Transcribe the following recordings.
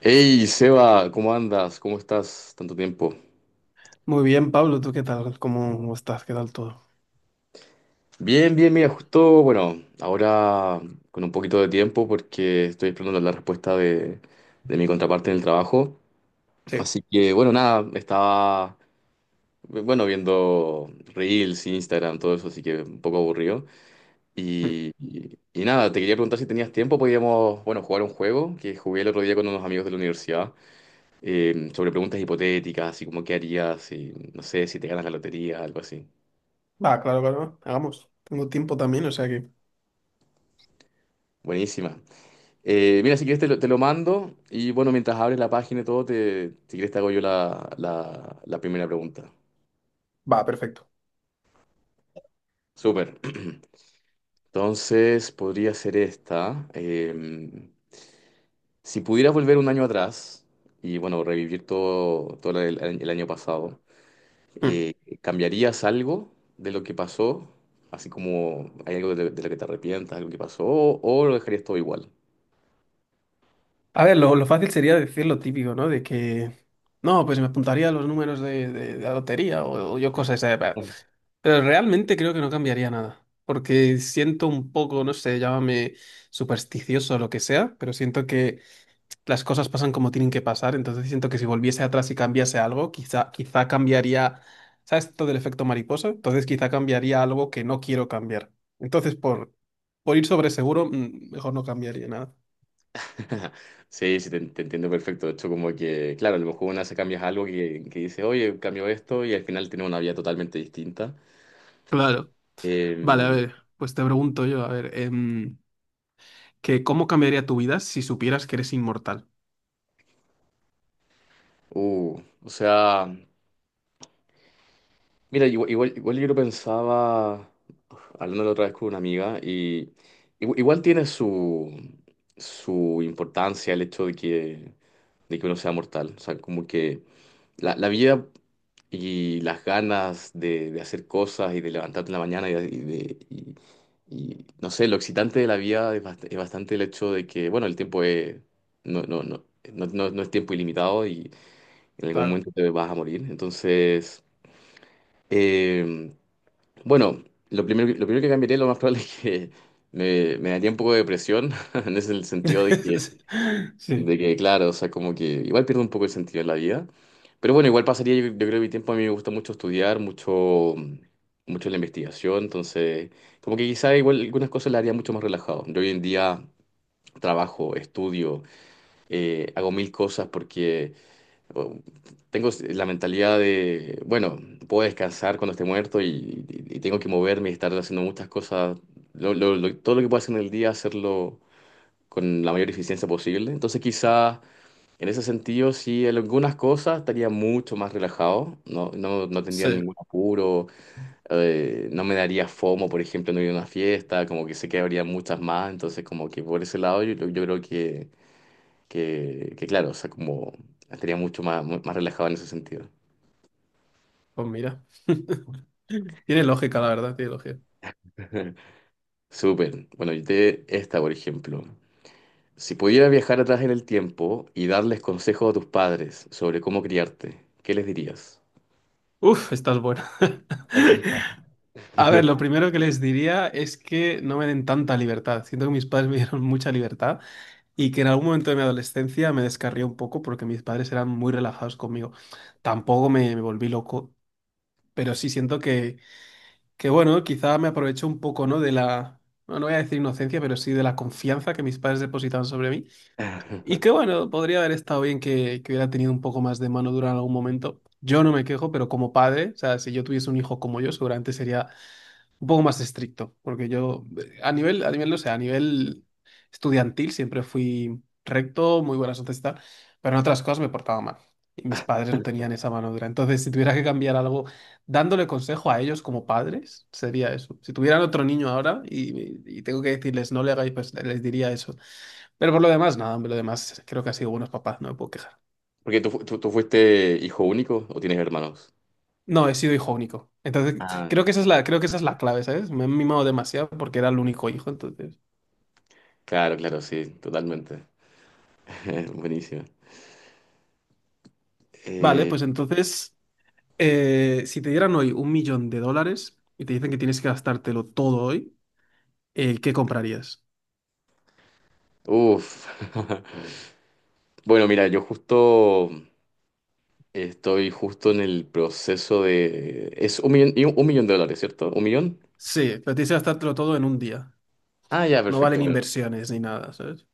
Hey, Seba, ¿cómo andas? ¿Cómo estás? Tanto tiempo. Muy bien, Pablo, ¿tú qué tal? ¿Cómo estás? ¿Qué tal todo? Bien, bien, mira, justo, bueno, ahora con un poquito de tiempo porque estoy esperando la respuesta de mi contraparte en el trabajo. Sí. Así que, bueno, nada, estaba, bueno, viendo Reels, Instagram, todo eso, así que un poco aburrido. Mm. Y nada, te quería preguntar si tenías tiempo, podíamos, bueno, jugar un juego que jugué el otro día con unos amigos de la universidad sobre preguntas hipotéticas, así como qué harías, si, no sé, si te ganas la lotería, algo así. Va, claro, claro. Hagamos. Tengo tiempo también, o sea que... Buenísima. Mira, si quieres te lo mando y bueno, mientras abres la página y todo, te, si quieres te hago yo la primera pregunta. Va, perfecto. Súper. Entonces, podría ser esta. Si pudieras volver un año atrás y bueno, revivir todo el año pasado, Mm. eh, ¿cambiarías algo de lo que pasó? Así como hay algo de lo que te arrepientas, algo que pasó, o lo dejarías todo igual. A ver, lo fácil sería decir lo típico, ¿no? De que... No, pues me apuntaría a los números de la lotería o yo cosas... de bah". Pero realmente creo que no cambiaría nada, porque siento un poco, no sé, llámame supersticioso o lo que sea, pero siento que... las cosas pasan como tienen que pasar, entonces siento que si volviese atrás y cambiase algo, quizá cambiaría, ¿sabes todo el efecto mariposa? Entonces quizá cambiaría algo que no quiero cambiar. Entonces por ir sobre seguro, mejor no cambiaría nada. Sí, sí, te entiendo perfecto. De hecho, como que, claro, a lo mejor una se cambias algo que dice, oye, cambio esto y al final tiene una vida totalmente distinta. Claro. Vale, a Eh, ver, pues te pregunto yo, a ver, que ¿cómo cambiaría tu vida si supieras que eres inmortal? O sea, mira, igual yo lo pensaba, hablando la otra vez con una amiga, y igual, tiene su importancia el hecho de que uno sea mortal. O sea, como que la vida y las ganas de hacer cosas y de levantarte en la mañana y, no sé, lo excitante de la vida es, es bastante el hecho de que, bueno, el tiempo es, no, no, no, no es tiempo ilimitado y en algún Claro. momento te vas a morir. Entonces, eh, bueno, lo primero, lo primero que cambiaría lo más probable es que me daría un poco de depresión, en ese sentido de que sí. Claro, o sea, como que igual pierdo un poco el sentido de la vida. Pero bueno, igual pasaría, yo creo que mi tiempo a mí me gusta mucho estudiar, mucho la investigación, entonces, como que quizá igual algunas cosas las haría mucho más relajado. Yo hoy en día trabajo, estudio, hago mil cosas porque oh, tengo la mentalidad de, bueno, puedo descansar cuando esté muerto y tengo que moverme y estar haciendo muchas cosas. Todo lo que pueda hacer en el día, hacerlo con la mayor eficiencia posible. Entonces, quizá... En ese sentido, sí, en algunas cosas estaría mucho más relajado, no tendría Sí. ningún apuro, no me daría FOMO, por ejemplo, no ir a una fiesta, como que sé que habría muchas más, entonces como que por ese lado yo creo que claro, o sea, como estaría mucho más, más relajado en ese sentido. Pues mira. Tiene lógica, la verdad, tiene lógica. Súper. Bueno, yo te esta, por ejemplo. Si pudieras viajar atrás en el tiempo y darles consejos a tus padres sobre cómo criarte, ¿qué les dirías? Uf, estás buena. A ver, lo primero que les diría es que no me den tanta libertad. Siento que mis padres me dieron mucha libertad y que en algún momento de mi adolescencia me descarrié un poco porque mis padres eran muy relajados conmigo. Tampoco me volví loco, pero sí siento que, bueno, quizá me aprovecho un poco, ¿no? De la, no, no voy a decir inocencia, pero sí de la confianza que mis padres depositaban sobre mí. Y que, bueno, podría haber estado bien que hubiera tenido un poco más de mano dura en algún momento. Yo no me quejo, pero como padre, o sea, si yo tuviese un hijo como yo, seguramente sería un poco más estricto, porque yo no sé, a nivel estudiantil siempre fui recto, muy buenas notas y tal, pero en otras cosas me portaba mal. Y mis padres no tenían esa mano dura. Entonces, si tuviera que cambiar algo, dándole consejo a ellos como padres, sería eso. Si tuvieran otro niño ahora y tengo que decirles no le hagáis, pues les diría eso. Pero por lo demás, nada, hombre, lo demás creo que han sido buenos papás, no me puedo quejar. Porque tú, tú fuiste hijo único o tienes hermanos. No, he sido hijo único. Entonces, Ah, creo que esa es la clave, ¿sabes? Me han mimado demasiado porque era el único hijo, entonces. claro, claro, sí, totalmente. Buenísimo. Vale, Eh, pues entonces, si te dieran hoy un millón de dólares y te dicen que tienes que gastártelo todo hoy, ¿qué comprarías? uf. Bueno, mira, yo justo estoy justo en el proceso de... Es un millón, y un millón de dólares, ¿cierto? ¿Un millón? Sí, pero tienes que gastártelo todo en un día. Ah, ya, No perfecto. valen Bueno. inversiones ni nada, ¿sabes?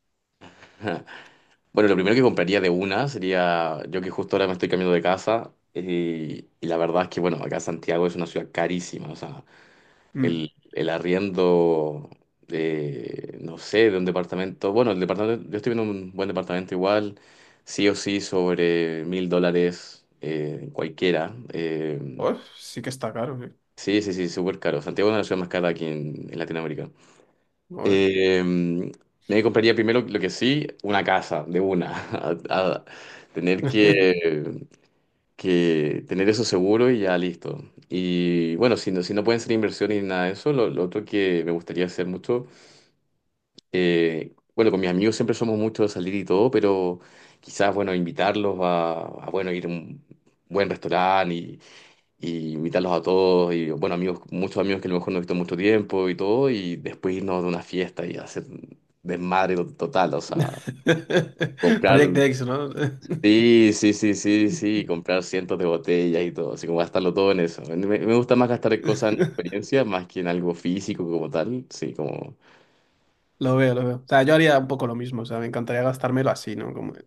Ajá. Bueno, lo primero que compraría de una sería, yo que justo ahora me estoy cambiando de casa, y la verdad es que, bueno, acá Santiago es una ciudad carísima, o sea, Mm. El arriendo no sé, de un departamento. Bueno, el departamento, yo estoy viendo un buen departamento igual, sí o sí, sobre 1.000 dólares cualquiera. Pues sí que está caro, sí. Sí, sí, sí, súper caro. Santiago es una de las ciudades más caras aquí en Latinoamérica. Joder. Eh, me compraría primero, lo que sí, una casa, de una. A tener que tener eso seguro y ya listo. Y bueno, si no, si no pueden ser inversiones ni nada de eso, lo otro que me gustaría hacer mucho. Bueno, con mis amigos siempre somos muchos de salir y todo, pero quizás, bueno, invitarlos bueno, ir a un buen restaurante y invitarlos a todos. Y, bueno, amigos, muchos amigos que a lo mejor no he visto en mucho tiempo y todo, y después irnos de una fiesta y hacer desmadre total, o sea, comprar. Project X, ¿no? Sí, sí, sí, sí, sí, comprar cientos de botellas y todo, así como gastarlo todo en eso. Me gusta más gastar en cosas en experiencias más que en algo físico como tal, sí, como. Lo veo, lo veo. O sea, yo haría un poco lo mismo. O sea, me encantaría gastármelo así, ¿no? Como... Voy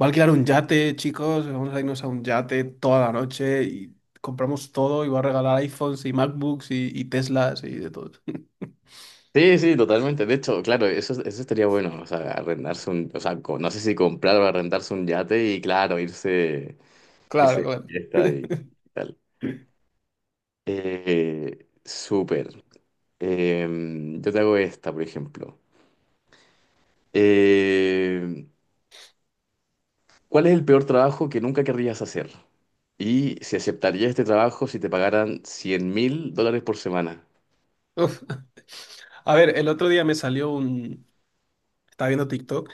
a alquilar un yate, chicos. Vamos a irnos a un yate toda la noche y compramos todo y voy a regalar iPhones y MacBooks y Teslas y de todo. Sí, sí, totalmente. De hecho, claro, eso estaría bueno, o sea, arrendarse un, o sea, no sé si comprar o arrendarse un yate y claro, irse, irse Claro, de claro. fiesta y, tal. Súper. Em, yo te hago esta, por ejemplo. Em, ¿Cuál es el peor trabajo que nunca querrías hacer? Y si aceptarías este trabajo si te pagaran 100.000 dólares por semana. Uf. A ver, el otro día me salió un... Estaba viendo TikTok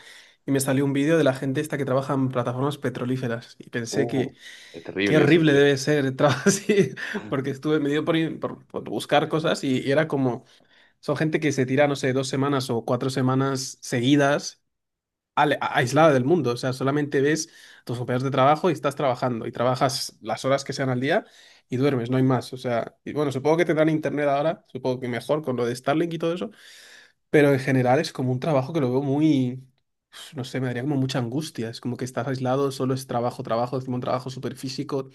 y me salió un vídeo de la gente esta que trabaja en plataformas petrolíferas y pensé Uh, que es qué terrible eso. horrible debe ser trabajar así, porque estuve medio por buscar cosas y era como, son gente que se tira, no sé, 2 semanas o 4 semanas seguidas aislada del mundo. O sea, solamente ves a tus compañeros de trabajo y estás trabajando y trabajas las horas que sean al día y duermes, no hay más. O sea, y bueno, supongo que tendrán internet ahora, supongo que mejor con lo de Starlink y todo eso, pero en general es como un trabajo que lo veo muy, no sé, me daría como mucha angustia. Es como que estás aislado, solo es trabajo, trabajo, encima un trabajo súper físico.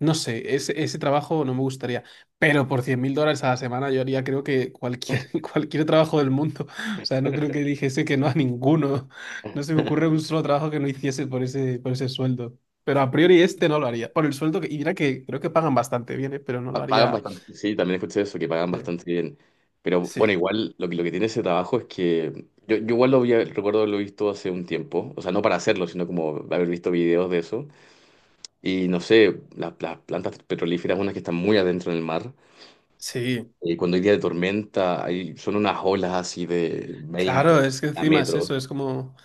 No sé, ese trabajo no me gustaría. Pero por $100.000 a la semana yo haría creo que cualquier, cualquier trabajo del mundo. O sea, no creo que dijese que no a ninguno. No se me ocurre un solo trabajo que no hiciese por ese sueldo. Pero a priori este no lo haría. Por el sueldo que... Y mira que creo que pagan bastante bien, ¿eh? Pero no lo Pagan haría. bastante, sí, también escuché eso, que pagan Sí, bastante bien. Pero bueno, sí, igual lo que tiene ese trabajo es que yo igual lo había, recuerdo haberlo visto hace un tiempo, o sea, no para hacerlo, sino como haber visto videos de eso. Y no sé, las plantas petrolíferas, unas que están muy adentro en el mar, sí. Cuando hay día de tormenta, hay, son unas olas así de Claro, 20 es que a encima es metros. eso, es como...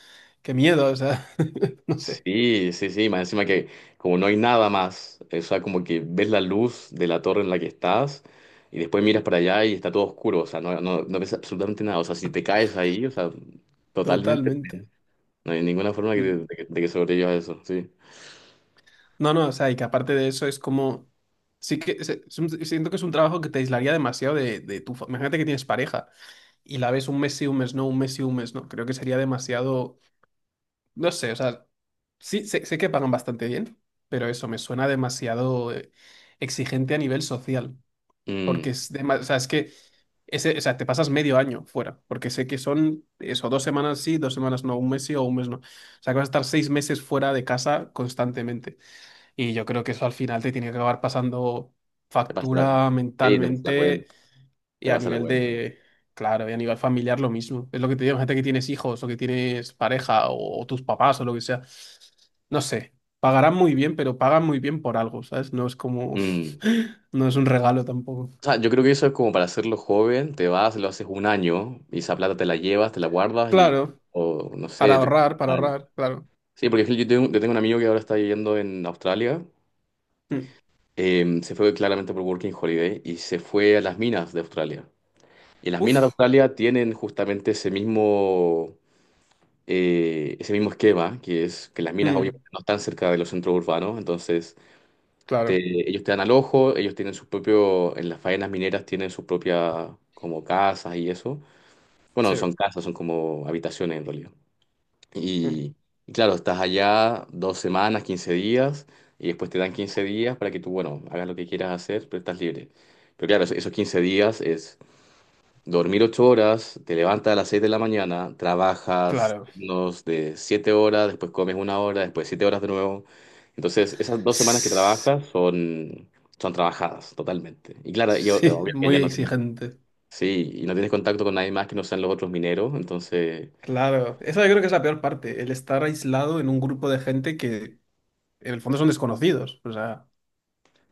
Qué miedo, o sea, no sé, Sí, sí, sí, más encima que como no hay nada más, o sea, como que ves la luz de la torre en la que estás y después miras para allá y está todo oscuro, o sea, no ves absolutamente nada, o sea, si te caes ahí, o sea, totalmente, totalmente. no hay ninguna forma Mm. Que de que sobrevivas a eso, sí. No, no, o sea, y que aparte de eso es como, sí que siento que es un trabajo que te aislaría demasiado de tu... Imagínate que tienes pareja y la ves un mes sí, un mes no, un mes sí, un mes no. Creo que sería demasiado, no sé, o sea, sí, sé que pagan bastante bien, pero eso me suena demasiado exigente a nivel social, porque Mm, es, o sea, es que... Ese, o sea, te pasas medio año fuera, porque sé que son eso, 2 semanas sí, 2 semanas no, un mes sí o un mes no. O sea, que vas a estar 6 meses fuera de casa constantemente. Y yo creo que eso al final te tiene que acabar pasando te pasa la, sí, factura te pasa la mentalmente cuenta, y te a pasa la nivel cuenta. de, claro, y a nivel familiar lo mismo. Es lo que te digo, gente que tienes hijos o que tienes pareja o tus papás o lo que sea. No sé, pagarán muy bien, pero pagan muy bien por algo, ¿sabes? No es como, Mm. no es un regalo tampoco. O sea, yo creo que eso es como para hacerlo joven, te vas, lo haces un año y esa plata te la llevas, te la guardas y, Claro, o no sé, te... para ahorrar, claro. Sí, porque yo tengo un amigo que ahora está viviendo en Australia. Mm. Se fue claramente por Working Holiday y se fue a las minas de Australia. Y las minas de Uf, Australia tienen justamente ese mismo esquema, que es que las minas mm, obviamente no están cerca de los centros urbanos, entonces te- claro, ellos te dan al ellos tienen su propio, en las faenas mineras tienen sus propias como casas y eso. Bueno, no sí, son casas, son como habitaciones en realidad. mm, Y, y claro, estás allá 2 semanas, 15 días, y después te dan 15 días para que tú, bueno, hagas lo que quieras hacer, pero estás libre. Pero claro, esos 15 días es dormir 8 horas, te levantas a las 6 de la mañana, trabajas claro. unos de 7 horas, después comes una hora, después 7 horas de nuevo. Entonces, esas 2 semanas que Sí, trabajas son, son trabajadas totalmente. Y claro, yo, obvio que ya muy no tienes, exigente. sí, y no tienes contacto con nadie más que no sean los otros mineros, entonces, Claro, esa yo creo que es la peor parte, el estar aislado en un grupo de gente que en el fondo son desconocidos. O sea,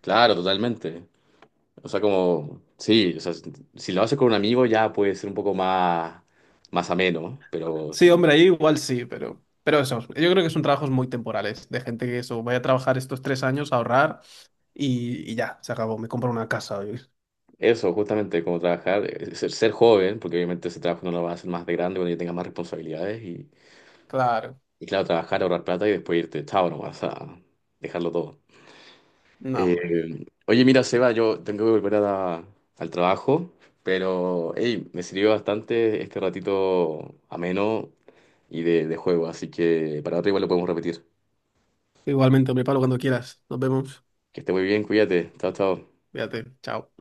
claro, totalmente. O sea, como, sí, o sea, si si lo haces con un amigo ya puede ser un poco más, más ameno, ¿no? Pero sí, si hombre, ahí igual sí, pero eso, yo creo que son trabajos muy temporales, de gente que eso, voy a trabajar estos 3 años, ahorrar y ya, se acabó, me compro una casa. Oye. eso, justamente, como trabajar, ser, ser joven, porque obviamente ese trabajo no lo vas a hacer más de grande cuando ya tengas más responsabilidades, Claro, y claro, trabajar, ahorrar plata y después irte, chao nomás, a dejarlo todo. no, Eh, hombre. oye, mira, Seba, yo tengo que volver a al trabajo, pero hey, me sirvió bastante este ratito ameno y de juego, así que para otra igual lo podemos repetir. Igualmente, hombre, Pablo, cuando quieras, nos vemos. Que esté muy bien, cuídate. Chao, chao. Fíjate, chao.